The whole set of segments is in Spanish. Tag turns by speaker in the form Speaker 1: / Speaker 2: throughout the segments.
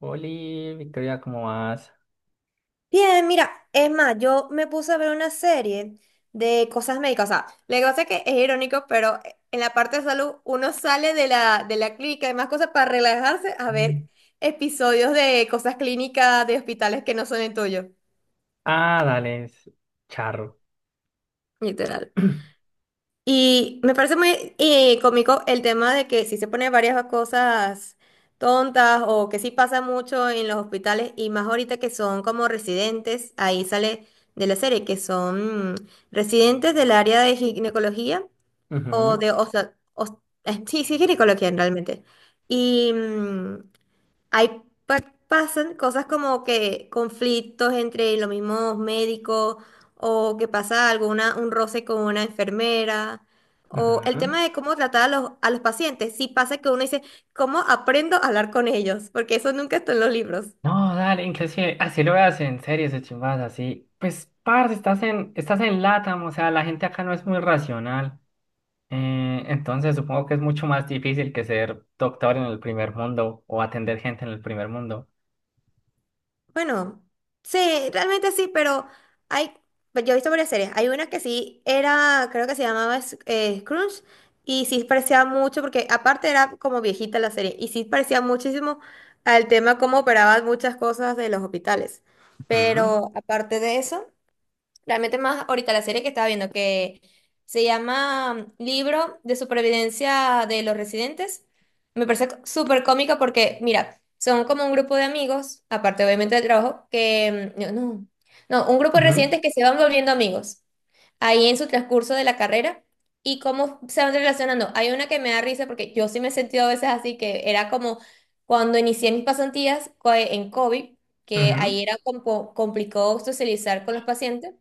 Speaker 1: Oli, Victoria, ¿cómo vas?
Speaker 2: Bien, mira, es más, yo me puse a ver una serie de cosas médicas. O sea, lo que pasa es que es irónico, pero en la parte de salud uno sale de la clínica y demás cosas para relajarse a
Speaker 1: Mm.
Speaker 2: ver episodios de cosas clínicas de hospitales que no son el tuyo.
Speaker 1: Ah, dale, es charro.
Speaker 2: Literal. Y me parece muy cómico el tema de que si se pone varias cosas tontas o que sí pasa mucho en los hospitales y más ahorita que son como residentes, ahí sale de la serie, que son residentes del área de ginecología o
Speaker 1: Ujú,
Speaker 2: sí, sí, ginecología realmente. Y, mm, hay, pa- Pasan cosas como que conflictos entre los mismos médicos o que pasa alguna, un roce con una enfermera o el
Speaker 1: ujú.
Speaker 2: tema de cómo tratar a los pacientes. Sí pasa que uno dice, ¿cómo aprendo a hablar con ellos? Porque eso nunca está en los libros.
Speaker 1: No, dale, inclusive, así lo veas en series o chimbas así. Pues, parce, estás en LATAM, o sea, la gente acá no es muy racional. Entonces supongo que es mucho más difícil que ser doctor en el primer mundo o atender gente en el primer mundo.
Speaker 2: Bueno, sí, realmente sí, pero hay, pues, yo he visto varias series. Hay una que sí era, creo que se llamaba Scrooge, y sí parecía mucho, porque aparte era como viejita la serie, y sí parecía muchísimo al tema cómo operaban muchas cosas de los hospitales.
Speaker 1: Ujú.
Speaker 2: Pero aparte de eso. Realmente más ahorita la serie que estaba viendo, que se llama Libro de Supervivencia de los Residentes. Me parece súper cómica porque, mira, son como un grupo de amigos, aparte obviamente del trabajo, que mm, no, no, no, un grupo de
Speaker 1: Ujú,
Speaker 2: residentes que se van volviendo amigos ahí en su transcurso de la carrera y cómo se van relacionando. Hay una que me da risa porque yo sí me he sentido a veces así, que era como cuando inicié mis pasantías en COVID, que ahí
Speaker 1: ujú.
Speaker 2: era como complicado socializar con los pacientes.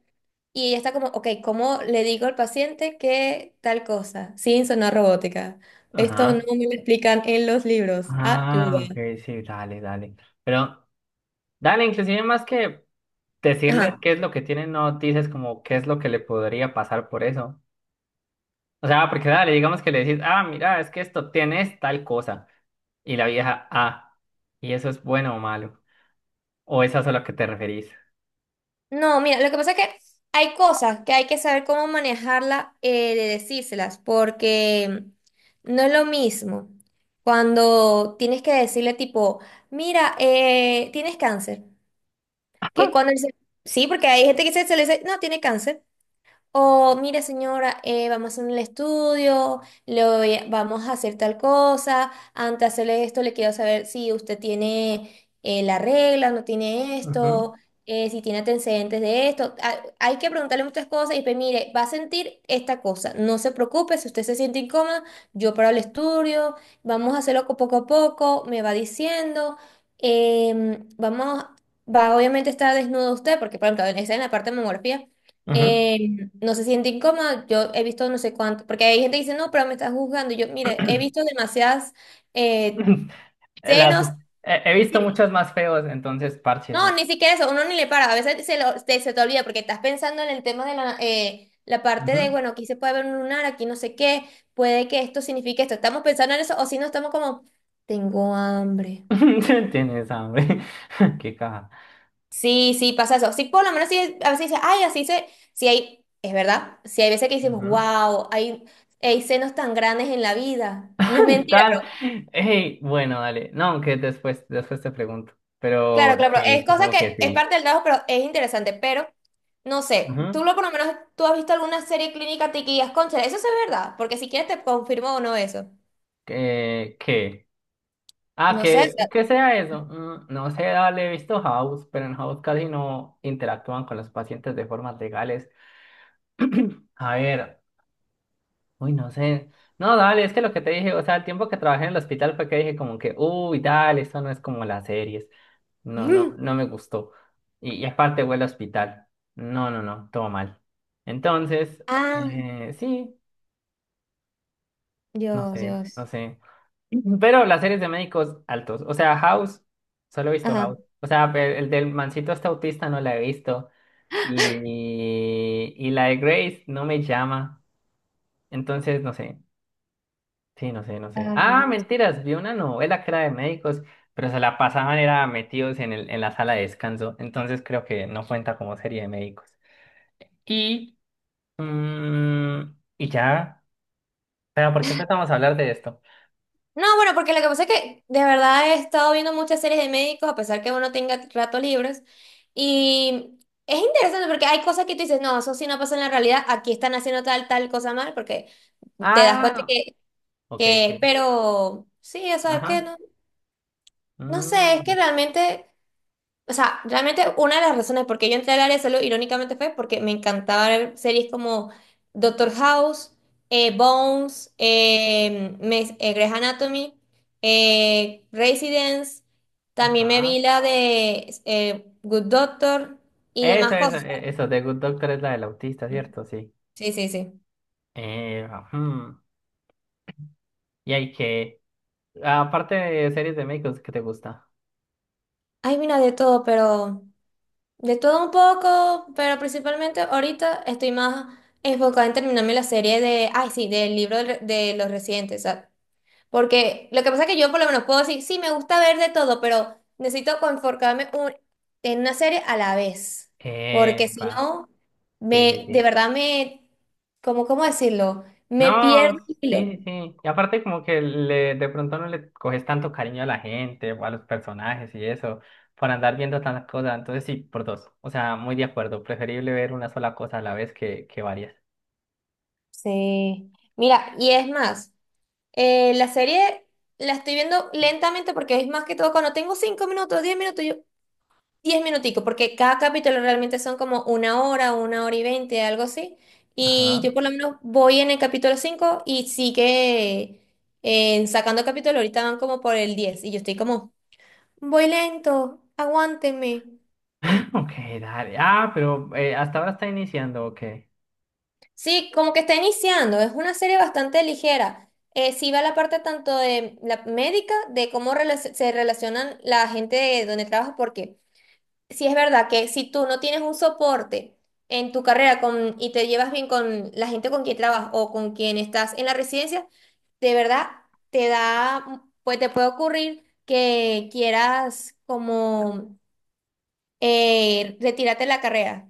Speaker 2: Y ella está como, ok, ¿cómo le digo al paciente que tal cosa? Sin sonar robótica. Esto no
Speaker 1: Ajá.
Speaker 2: me lo explican en los libros.
Speaker 1: Ah, ok,
Speaker 2: Ayuda.
Speaker 1: sí, dale, dale. Pero dale, inclusive más que decirles
Speaker 2: Ajá.
Speaker 1: qué es lo que tienen, no dices como qué es lo que le podría pasar por eso. O sea, porque dale, digamos que le decís, ah, mira, es que esto tienes tal cosa. Y la vieja, ah, ¿y eso es bueno o malo? ¿O es eso a lo que te referís?
Speaker 2: No, mira, lo que pasa es que hay cosas que hay que saber cómo manejarla, de decírselas, porque no es lo mismo cuando tienes que decirle tipo, mira, tienes cáncer, que cuando dice, sí, porque hay gente que se le dice, no, tiene cáncer. O, mire señora, vamos a hacer un estudio, vamos a hacer tal cosa. Antes de hacerle esto, le quiero saber si usted tiene la regla, no tiene esto, si tiene antecedentes de esto. Ah, hay que preguntarle muchas cosas y pues, mire, va a sentir esta cosa. No se preocupe, si usted se siente incómoda, yo paro el estudio, vamos a hacerlo poco a poco, me va diciendo. Vamos, va, obviamente está desnudo usted, porque, por ejemplo, está en la parte de mamografía.
Speaker 1: Ujú, ujú.
Speaker 2: em, no se siente incómoda. Yo he visto no sé cuánto, porque hay gente que dice, no, pero me estás juzgando. Y yo, mire, he visto demasiadas eh,
Speaker 1: Las-
Speaker 2: senos.
Speaker 1: he visto
Speaker 2: Sí.
Speaker 1: muchos más feos, entonces
Speaker 2: No,
Speaker 1: párchese.
Speaker 2: ni siquiera eso, uno ni le para. A veces se te olvida porque estás pensando en el tema de la parte de,
Speaker 1: Ujú.
Speaker 2: bueno, aquí se puede ver un lunar, aquí no sé qué, puede que esto signifique esto. Estamos pensando en eso, o si no, estamos como, tengo hambre.
Speaker 1: Tienes hambre. Qué caja.
Speaker 2: Sí, sí, pasa eso. Sí, por lo menos sí, a veces dice, ay, así se, sí hay, es verdad, sí hay veces que decimos,
Speaker 1: Ujú.
Speaker 2: wow, hay senos tan grandes en la vida. No es mentira,
Speaker 1: Tal. Hey, bueno, dale. No, aunque después, después te pregunto. Pero
Speaker 2: claro, claro, pero
Speaker 1: sí,
Speaker 2: es cosa
Speaker 1: supongo que
Speaker 2: que es
Speaker 1: sí.
Speaker 2: parte del trabajo, pero es interesante, pero no sé, tú
Speaker 1: Ujú.
Speaker 2: lo por lo menos, tú has visto alguna serie clínica te guías, concha, eso sí es verdad, porque si quieres te confirmo o no eso.
Speaker 1: ¿Qué? Ah,
Speaker 2: No sé, o
Speaker 1: que,
Speaker 2: sea,
Speaker 1: ¿qué sea eso? Mm, no sé, dale, he visto House, pero en House casi no interactúan con los pacientes de formas legales. A ver, uy, no sé. No, dale, es que lo que te dije, o sea, el tiempo que trabajé en el hospital fue que dije como que, uy, dale, esto no es como las series. No, no, no me gustó. Y aparte huele a hospital. No, no, no, todo mal. Entonces,
Speaker 2: Ah,
Speaker 1: sí, no
Speaker 2: Dios,
Speaker 1: sé, no
Speaker 2: Dios.
Speaker 1: sé. Pero las series de médicos altos. O sea, House, solo he visto
Speaker 2: Ajá.
Speaker 1: House. O sea, el del mancito este autista no la he visto. Y la de Grace no me llama. Entonces, no sé. Sí, no sé, no sé.
Speaker 2: Ay,
Speaker 1: Ah,
Speaker 2: no.
Speaker 1: mentiras, vi una novela que era de médicos, pero se la pasaban, era metidos en la sala de descanso. Entonces creo que no cuenta como serie de médicos. Y, mm, y ya. Pero, ¿por qué empezamos a hablar de esto?
Speaker 2: No, bueno, porque lo que pasa es que de verdad he estado viendo muchas series de médicos, a pesar que uno tenga ratos libres. Y es interesante porque hay cosas que tú dices, no, eso sí no pasa en la realidad, aquí están haciendo tal, tal cosa mal, porque te das cuenta
Speaker 1: Ah, ok, sí.
Speaker 2: que pero sí, o sea, es que
Speaker 1: Ajá.
Speaker 2: no, no sé, es
Speaker 1: mm,
Speaker 2: que realmente. O sea, realmente una de las razones por qué yo entré al área de salud irónicamente fue porque me encantaba ver series como Doctor House, Bones, Grey's Anatomy, Residence, también me vi
Speaker 1: ajá.
Speaker 2: la de Good Doctor y
Speaker 1: Eso,
Speaker 2: demás
Speaker 1: eso,
Speaker 2: cosas.
Speaker 1: e- eso. The Good Doctor es la del autista, ¿cierto? Sí.
Speaker 2: Sí, sí, sí.
Speaker 1: Ujú. Y hay que. Aparte de series de médicos, ¿qué te gusta?
Speaker 2: Ay, mira, de todo, pero de todo un poco, pero principalmente ahorita estoy más enfocada en terminarme la serie de, ay, sí, del libro del re- de los residentes. Porque lo que pasa es que yo por lo menos puedo decir, sí, me gusta ver de todo, pero necesito en una serie a la vez. Porque si
Speaker 1: Pa.
Speaker 2: no,
Speaker 1: Sí, sí,
Speaker 2: de
Speaker 1: sí.
Speaker 2: verdad me, ¿cómo, cómo decirlo? Me pierdo
Speaker 1: No,
Speaker 2: el hilo.
Speaker 1: sí, sí, sí. Y aparte como que le, de pronto no le coges tanto cariño a la gente o a los personajes y eso, por andar viendo tantas cosas. Entonces sí, por dos. O sea, muy de acuerdo. Preferible ver una sola cosa a la vez que varias.
Speaker 2: Sí. Mira, y es más, la serie la estoy viendo lentamente porque es más que todo cuando tengo 5 minutos, 10 minutos, yo, 10 minuticos, porque cada capítulo realmente son como una hora, 1 hora y 20, algo así. Y
Speaker 1: Ajá.
Speaker 2: yo por lo menos voy en el capítulo 5 y sigue sacando capítulo. Ahorita van como por el 10 y yo estoy como, voy lento, aguántenme.
Speaker 1: Ok, dale. Ah, pero hasta ahora está iniciando, ok.
Speaker 2: Sí, como que está iniciando. Es una serie bastante ligera. Sí va la parte tanto de la médica, de cómo se relacionan la gente de donde trabaja, porque sí, es verdad que si tú no tienes un soporte en tu carrera y te llevas bien con la gente con quien trabajas o con quien estás en la residencia, de verdad te da, pues te puede ocurrir que quieras como retirarte de la carrera.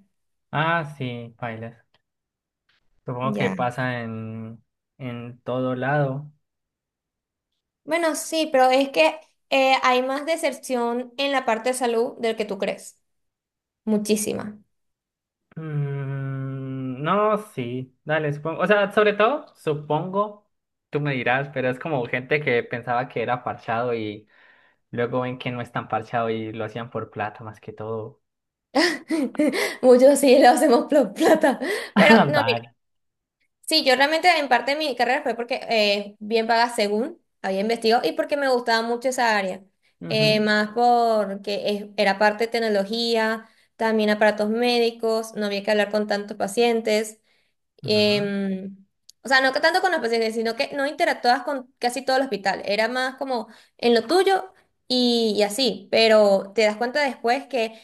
Speaker 1: Ah, sí, bailes. Supongo que
Speaker 2: Ya.
Speaker 1: pasa en todo lado.
Speaker 2: Bueno, sí, pero es que hay más deserción en la parte de salud del que tú crees. Muchísima.
Speaker 1: Mm, no, sí, dale, supongo. O sea, sobre todo, supongo, tú me dirás, pero es como gente que pensaba que era parchado y luego ven que no es tan parchado y lo hacían por plata más que todo.
Speaker 2: Muchos sí lo hacemos plata. Pero no, mira.
Speaker 1: Dale.
Speaker 2: Sí, yo realmente en parte de mi carrera fue porque bien paga según había investigado y porque me gustaba mucho esa área.
Speaker 1: Ujú,
Speaker 2: Más porque era parte de tecnología, también aparatos médicos, no había que hablar con tantos pacientes.
Speaker 1: ujú.
Speaker 2: em, o sea, no que tanto con los pacientes, sino que no interactuabas con casi todo el hospital. Era más como en lo tuyo y así. Pero te das cuenta después que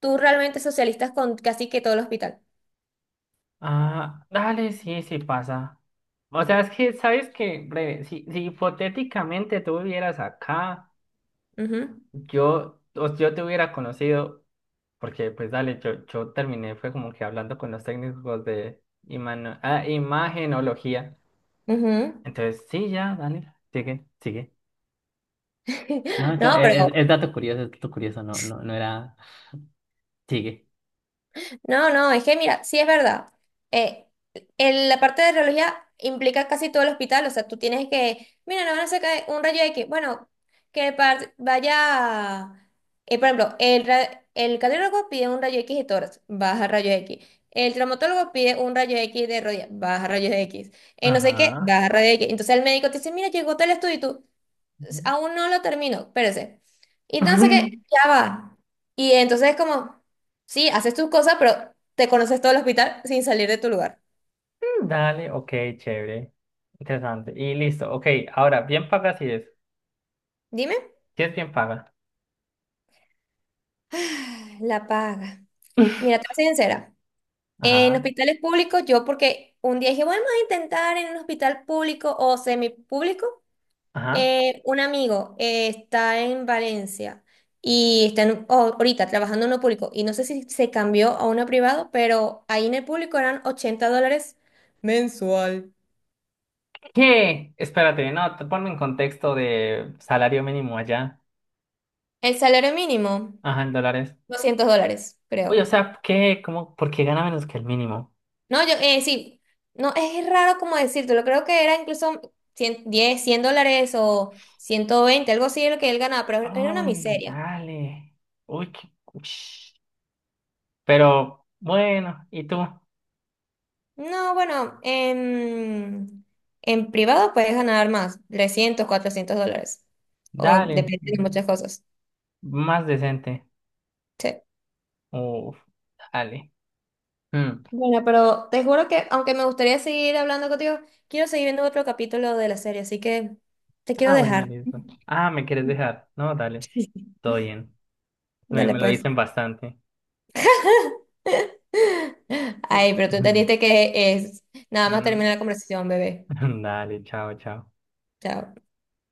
Speaker 2: tú realmente socialistas con casi que todo el hospital.
Speaker 1: Ah, dale, sí, sí pasa. O sea, es que, ¿sabes qué? Breve, si hipotéticamente tú vivieras acá,
Speaker 2: Ujú,
Speaker 1: yo te hubiera conocido. Porque, pues, dale, yo terminé, fue como que hablando con los técnicos de ah, imagenología.
Speaker 2: ujú.
Speaker 1: Entonces, sí, ya, dale, sigue, sigue. No,
Speaker 2: No, pero
Speaker 1: es dato curioso, no, no, no era. Sigue.
Speaker 2: no, no, es que mira, sí es verdad. Eh, la parte de radiología implica casi todo el hospital, o sea, tú tienes que, mira, no van a sacar un rayo X, bueno, vaya, por ejemplo, el, ra- el cardiólogo pide un rayo X de tórax, baja rayo X. El traumatólogo pide un rayo X de rodilla, baja rayo X. No sé qué,
Speaker 1: Ajá.
Speaker 2: baja rayo X. Entonces el médico te dice, mira, llegó tal estudio,
Speaker 1: Ujú.
Speaker 2: aún no lo termino, espérese. Y no sé, ya va. Y entonces es como, sí, haces tus cosas, pero te conoces todo el hospital sin salir de tu lugar.
Speaker 1: Dale, ok, chévere. Interesante. Y listo, ok. Ahora, bien paga si es.
Speaker 2: Dime,
Speaker 1: Si es bien paga.
Speaker 2: la paga. Mira, te voy a ser sincera. En
Speaker 1: Ajá,
Speaker 2: hospitales públicos, yo porque un día dije, bueno, vamos a intentar en un hospital público o semipúblico.
Speaker 1: ajá.
Speaker 2: Un amigo está en Valencia y oh, ahorita trabajando en uno público y no sé si se cambió a uno privado, pero ahí en el público eran $80 mensual.
Speaker 1: ¿Qué? Espérate, no, te ponme en contexto de salario mínimo allá.
Speaker 2: El salario mínimo,
Speaker 1: Ajá, en dólares.
Speaker 2: $200,
Speaker 1: Uy, o
Speaker 2: creo.
Speaker 1: sea, ¿qué? ¿Cómo? ¿Por qué gana menos que el mínimo?
Speaker 2: No, yo, sí, no, es raro como decírtelo, creo que era incluso $110 o 120 algo así de lo que él ganaba, pero era una
Speaker 1: Ay,
Speaker 2: miseria.
Speaker 1: dale. Uy, qué... ush. Pero bueno, ¿y tú?
Speaker 2: No, bueno, en privado puedes ganar más, 300, $400, o
Speaker 1: Dale.
Speaker 2: depende de muchas cosas.
Speaker 1: Más decente.
Speaker 2: Sí.
Speaker 1: Uf, dale. Mm.
Speaker 2: Bueno, pero te juro que, aunque me gustaría seguir hablando contigo, quiero seguir viendo otro capítulo de la serie, así que te quiero
Speaker 1: Ah, bueno,
Speaker 2: dejar.
Speaker 1: listo. Ah, ¿me quieres dejar? No, dale.
Speaker 2: Sí.
Speaker 1: Todo bien. Me,
Speaker 2: Dale
Speaker 1: me lo
Speaker 2: pues.
Speaker 1: dicen bastante.
Speaker 2: Ay, pero tú entendiste que es nada más
Speaker 1: Mm,
Speaker 2: terminar la conversación, bebé.
Speaker 1: Dale, chao, chao.
Speaker 2: Chao.